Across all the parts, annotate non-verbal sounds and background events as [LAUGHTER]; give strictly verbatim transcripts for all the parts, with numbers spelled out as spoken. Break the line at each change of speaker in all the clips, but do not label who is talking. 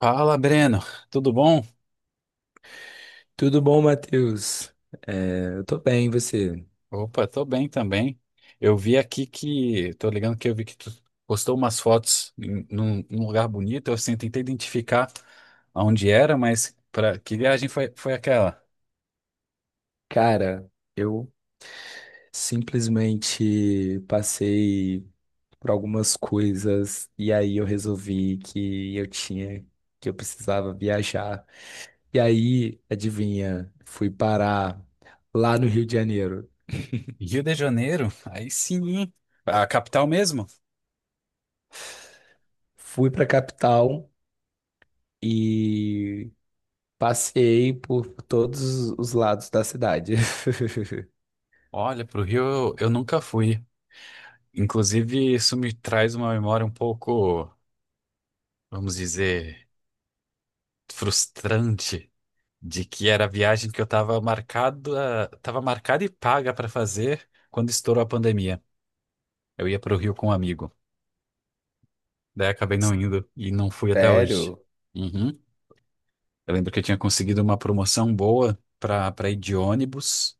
Fala, Breno, tudo bom?
Tudo bom, Matheus? É, eu tô bem, e você?
Opa, tô bem também. Eu vi aqui que, tô ligando que eu vi que tu postou umas fotos em, num, num lugar bonito, eu assim, tentei identificar aonde era, mas para que viagem foi, foi aquela?
Cara, eu simplesmente passei por algumas coisas e aí eu resolvi que eu tinha, que eu precisava viajar. E aí, adivinha, fui parar lá no Rio de Janeiro.
Rio de Janeiro? Aí sim, hein? A capital mesmo?
Fui pra capital e passei por todos os lados da cidade. [LAUGHS]
Olha, pro Rio eu, eu nunca fui. Inclusive, isso me traz uma memória um pouco, vamos dizer, frustrante, de que era a viagem que eu estava marcado, estava marcada e paga para fazer quando estourou a pandemia. Eu ia para o Rio com um amigo. Daí acabei não indo e não fui até hoje.
Sério?
Uhum. Eu lembro que eu tinha conseguido uma promoção boa para para ir de ônibus.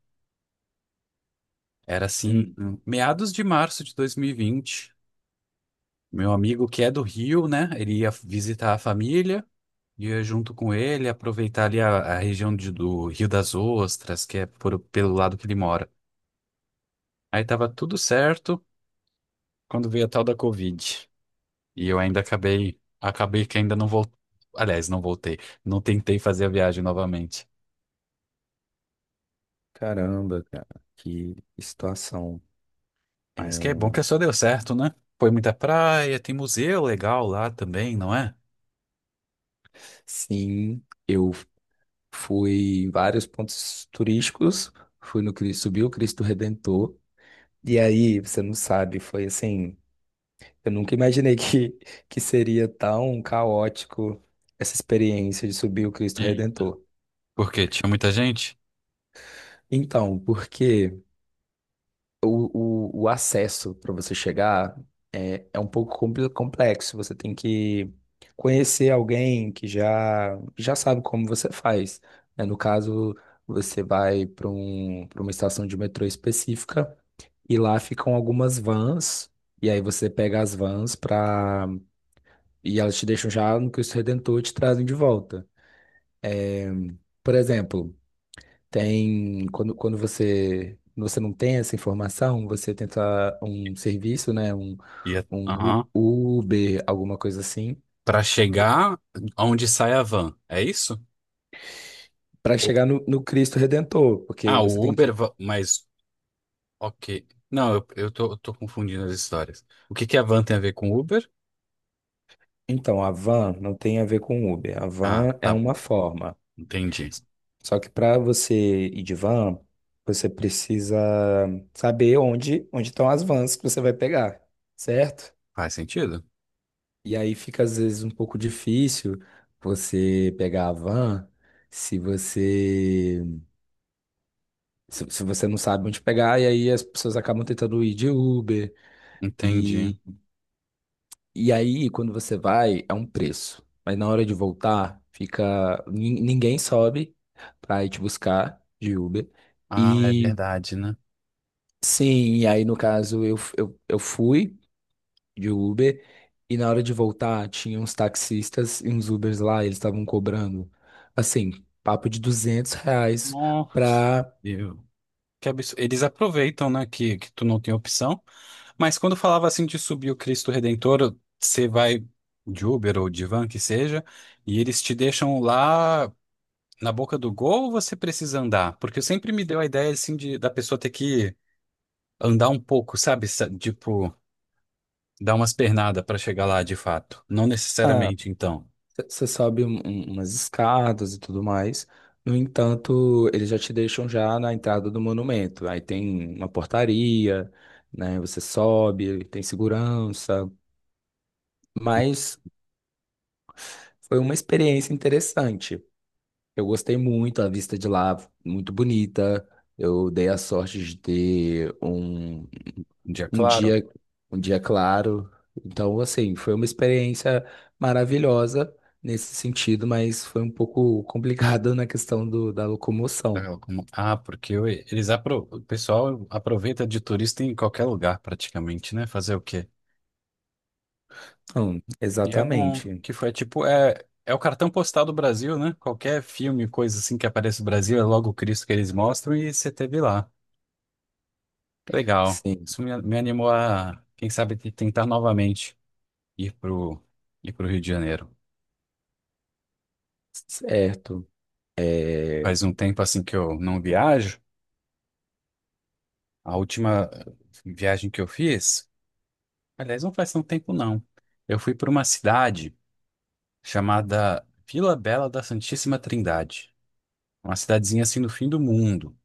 Era assim, hum, meados de março de dois mil e vinte. Meu amigo que é do Rio, né? Ele ia visitar a família, ia junto com ele, aproveitar ali a, a região de- do Rio das Ostras, que é por- pelo lado que ele mora. Aí tava tudo certo quando veio a tal da Covid. E eu ainda acabei, acabei que ainda não voltei. Aliás, não voltei. Não tentei fazer a viagem novamente.
Caramba, cara, que situação.
Mas que é bom que
É,
só deu certo, né? Foi muita praia, tem museu legal lá também, não é?
sim, eu fui em vários pontos turísticos, fui no Cristo, subi o Cristo Redentor, e aí, você não sabe, foi assim, eu nunca imaginei [LAUGHS] que, que seria tão caótico essa experiência de subir o Cristo
Eita.
Redentor.
Porque tinha muita gente.
Então, porque? o, o, o acesso para você chegar é, é um pouco compl- complexo. Você tem que conhecer alguém que já, já sabe como você faz, né? No caso, você vai para um, para uma estação de metrô específica e lá ficam algumas vans. E aí você pega as vans para e elas te deixam já no Cristo Redentor e te trazem de volta. Por exemplo, Tem, quando, quando você, quando você não tem essa informação, você tenta um serviço, né? Um,
Ia,
um
aham.
U- Uber, alguma coisa assim,
Pra chegar onde sai a van, é isso?
para
O-
chegar no, no Cristo Redentor, porque
Ah,
você
o
tem
Uber,
que.
va- mas ok. Não, eu, eu tô, eu tô confundindo as histórias. O que que a van tem a ver com Uber?
Então, a van não tem a ver com Uber. A
Ah,
van é
tá bom.
uma forma.
Entendi.
S- Só que para você ir de van, você precisa saber onde, onde estão as vans que você vai pegar, certo?
Faz sentido?
E aí fica às vezes um pouco difícil você pegar a van se você se, se você não sabe onde pegar, e aí as pessoas acabam tentando ir de Uber.
Entendi.
E, e aí, quando você vai, é um preço. Mas na hora de voltar, fica. nin- Ninguém sobe pra ir te buscar de Uber.
Ah, é
E
verdade, né?
sim, e aí no caso eu, f- eu, eu fui de Uber, e na hora de voltar tinha uns taxistas e uns Ubers lá, e eles estavam cobrando, assim, papo de duzentos reais
Nossa,
pra...
eu- que absurdo. Eles aproveitam, né, que, que tu não tem opção. Mas quando falava assim de subir o Cristo Redentor, você vai de Uber ou de van, que seja, e eles te deixam lá na boca do gol ou você precisa andar? Porque sempre me deu a ideia assim de da pessoa ter que andar um pouco, sabe? Sa- Tipo, dar umas pernadas para chegar lá de fato. Não
Ah,
necessariamente, então.
você sobe um- um- umas escadas e tudo mais. No entanto, eles já te deixam já na entrada do monumento. Aí tem uma portaria, né? Você sobe, tem segurança, mas foi uma experiência interessante. Eu gostei muito, a vista de lá, muito bonita. Eu dei a sorte de ter um,
Um dia
um
claro.
dia, um dia claro. Então, assim, foi uma experiência maravilhosa nesse sentido, mas foi um pouco complicado [LAUGHS] na questão do, da locomoção.
Ah, como- ah, porque o- eles apro... o pessoal aproveita de turista em qualquer lugar praticamente, né? Fazer o quê?
Hum,
E é bom
exatamente.
que foi tipo, é, é o cartão postal do Brasil, né? Qualquer filme, coisa assim que aparece no Brasil, é logo o Cristo que eles mostram e você teve lá. Legal.
Sim,
Isso me, me animou a, quem sabe, te- tentar novamente ir pro, ir pro Rio de Janeiro.
certo.
Faz
É...
um tempo assim que eu não viajo. A última viagem que eu fiz, aliás, não faz tanto tempo não. Eu fui para uma cidade chamada Vila Bela da Santíssima Trindade. Uma cidadezinha assim no fim do mundo,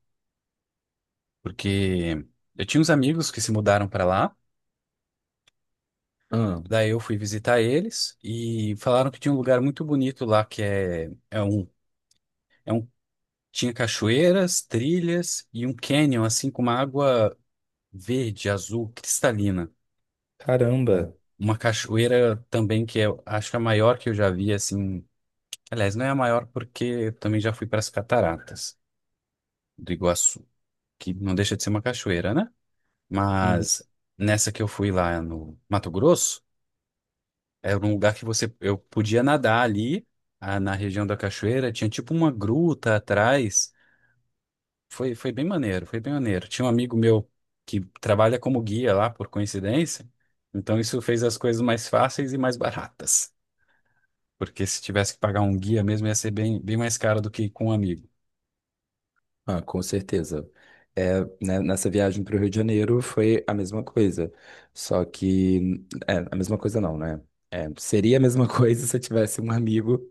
porque eu tinha uns amigos que se mudaram para lá,
Ah,
daí eu fui visitar eles e falaram que tinha um lugar muito bonito lá que é, é um, é um tinha cachoeiras, trilhas e um canyon assim com uma água verde, azul, cristalina, né?
caramba.
Uma cachoeira também que eu acho que é a maior que eu já vi assim. Aliás, não é a maior porque eu também já fui para as cataratas do Iguaçu, que não deixa de ser uma cachoeira, né? Mas nessa que eu fui lá no Mato Grosso, era um lugar que você eu podia nadar ali, ah, na região da cachoeira, tinha tipo uma gruta atrás. Foi, foi bem maneiro, foi bem maneiro. Tinha um amigo meu que trabalha como guia lá, por coincidência, então isso fez as coisas mais fáceis e mais baratas. Porque se tivesse que pagar um guia mesmo, ia ser bem, bem mais caro do que com um amigo.
Ah, com certeza. É, né, nessa viagem para o Rio de Janeiro foi a mesma coisa. Só que. É, a mesma coisa não, né? É, seria a mesma [LAUGHS] coisa se eu tivesse um amigo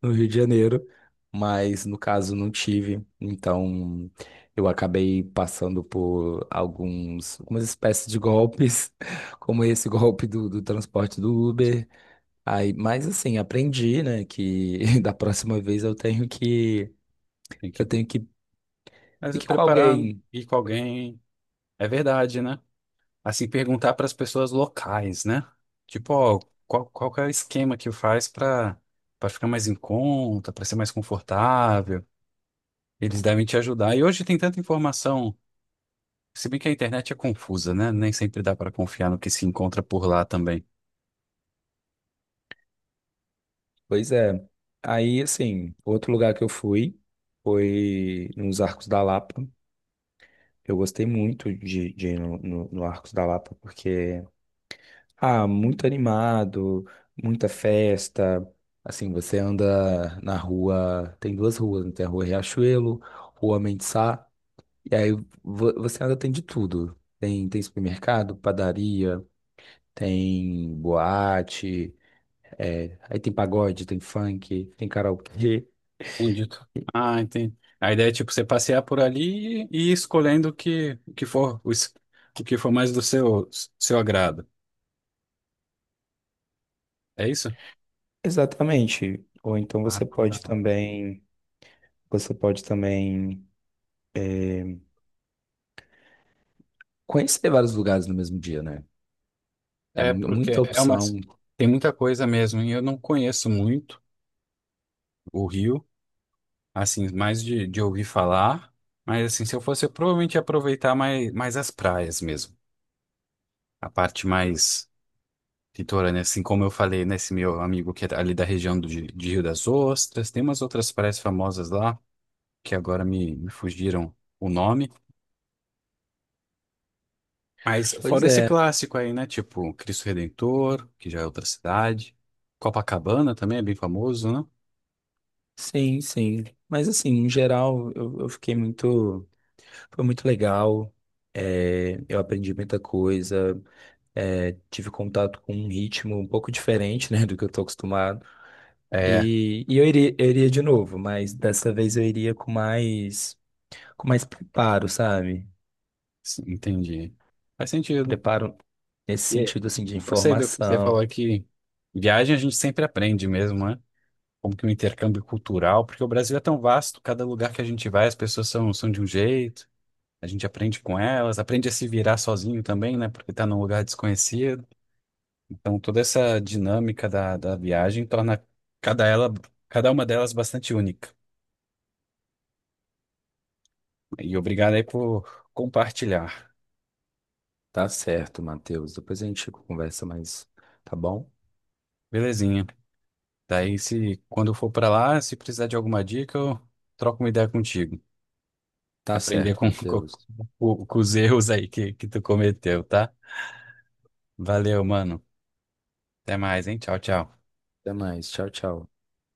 no Rio de Janeiro, mas no caso não tive. Então eu acabei passando por alguns, algumas espécies de golpes, [LAUGHS] como esse golpe do, do transporte do Uber. Aí, mas assim, aprendi, né, que [LAUGHS] da próxima vez eu tenho que.
Tem que,
Eu tenho que.
mas
E que com
preparar,
alguém.
ir com alguém, é verdade, né? Assim, perguntar para as pessoas locais, né? Tipo, ó, qual, qual que é o esquema que faz para para ficar mais em conta, para ser mais confortável? Eles devem te ajudar. E hoje tem tanta informação, se bem que a internet é confusa, né? Nem sempre dá para confiar no que se encontra por lá também.
Pois é. Aí, assim, outro lugar que eu fui foi nos Arcos da Lapa. Eu gostei muito de, de ir no, no, no Arcos da Lapa, porque, ah, muito animado, muita festa. Assim, você anda na rua, tem duas ruas, né? Tem a Rua Riachuelo, Rua Mendesá, e aí vo- você anda, tem de tudo. Tem, tem supermercado, padaria, tem boate, é, aí tem pagode, tem funk, tem karaokê.
Entendido. Ah, entendi. A ideia é tipo você passear por ali e ir escolhendo o que, o que for o, es- o que for mais do seu seu agrado. É isso?
Exatamente. Ou então você
Marco da
pode também, você pode também é, conhecer vários lugares no mesmo dia, né? É
É
mu- muita
porque é uma
opção.
tem muita coisa mesmo e eu não conheço muito o Rio, assim, mais de, de ouvir falar, mas assim, se eu fosse, eu provavelmente ia aproveitar mais, mais as praias mesmo, a parte mais litorânea, assim como eu falei nesse meu amigo que é ali da região do, de de Rio das Ostras, tem umas outras praias famosas lá que agora me, me fugiram o nome, mas
Pois
fora esse
é,
clássico aí, né, tipo Cristo Redentor, que já é outra cidade, Copacabana também é bem famoso, né?
sim, sim. Mas assim, em geral, eu, eu fiquei muito. Foi muito legal. É, eu aprendi muita coisa. É, tive contato com um ritmo um pouco diferente, né, do que eu tô acostumado.
É,
E, e eu iria, eu iria de novo, mas dessa vez eu iria com mais, com mais, preparo, sabe?
sim, entendi. Faz sentido.
Preparo nesse
E aí,
sentido assim de
gostei do que você
informação.
falou que viagem a gente sempre aprende mesmo, né? Como que o intercâmbio cultural, porque o Brasil é tão vasto, cada lugar que a gente vai, as pessoas são, são de um jeito, a gente aprende com elas, aprende a se virar sozinho também, né? Porque tá num lugar desconhecido. Então toda essa dinâmica da, da viagem torna cada ela, cada uma delas bastante única. E obrigado aí por compartilhar.
Tá certo, Matheus. Depois a gente conversa mais, tá bom?
Belezinha. Daí, se quando eu for pra lá, se precisar de alguma dica, eu troco uma ideia contigo.
Tá
Aprender
certo,
com, [LAUGHS] com,
Matheus.
com- com os erros aí que, que tu cometeu, tá? Valeu, mano. Até mais, hein? Tchau, tchau.
Até mais. Tchau, tchau.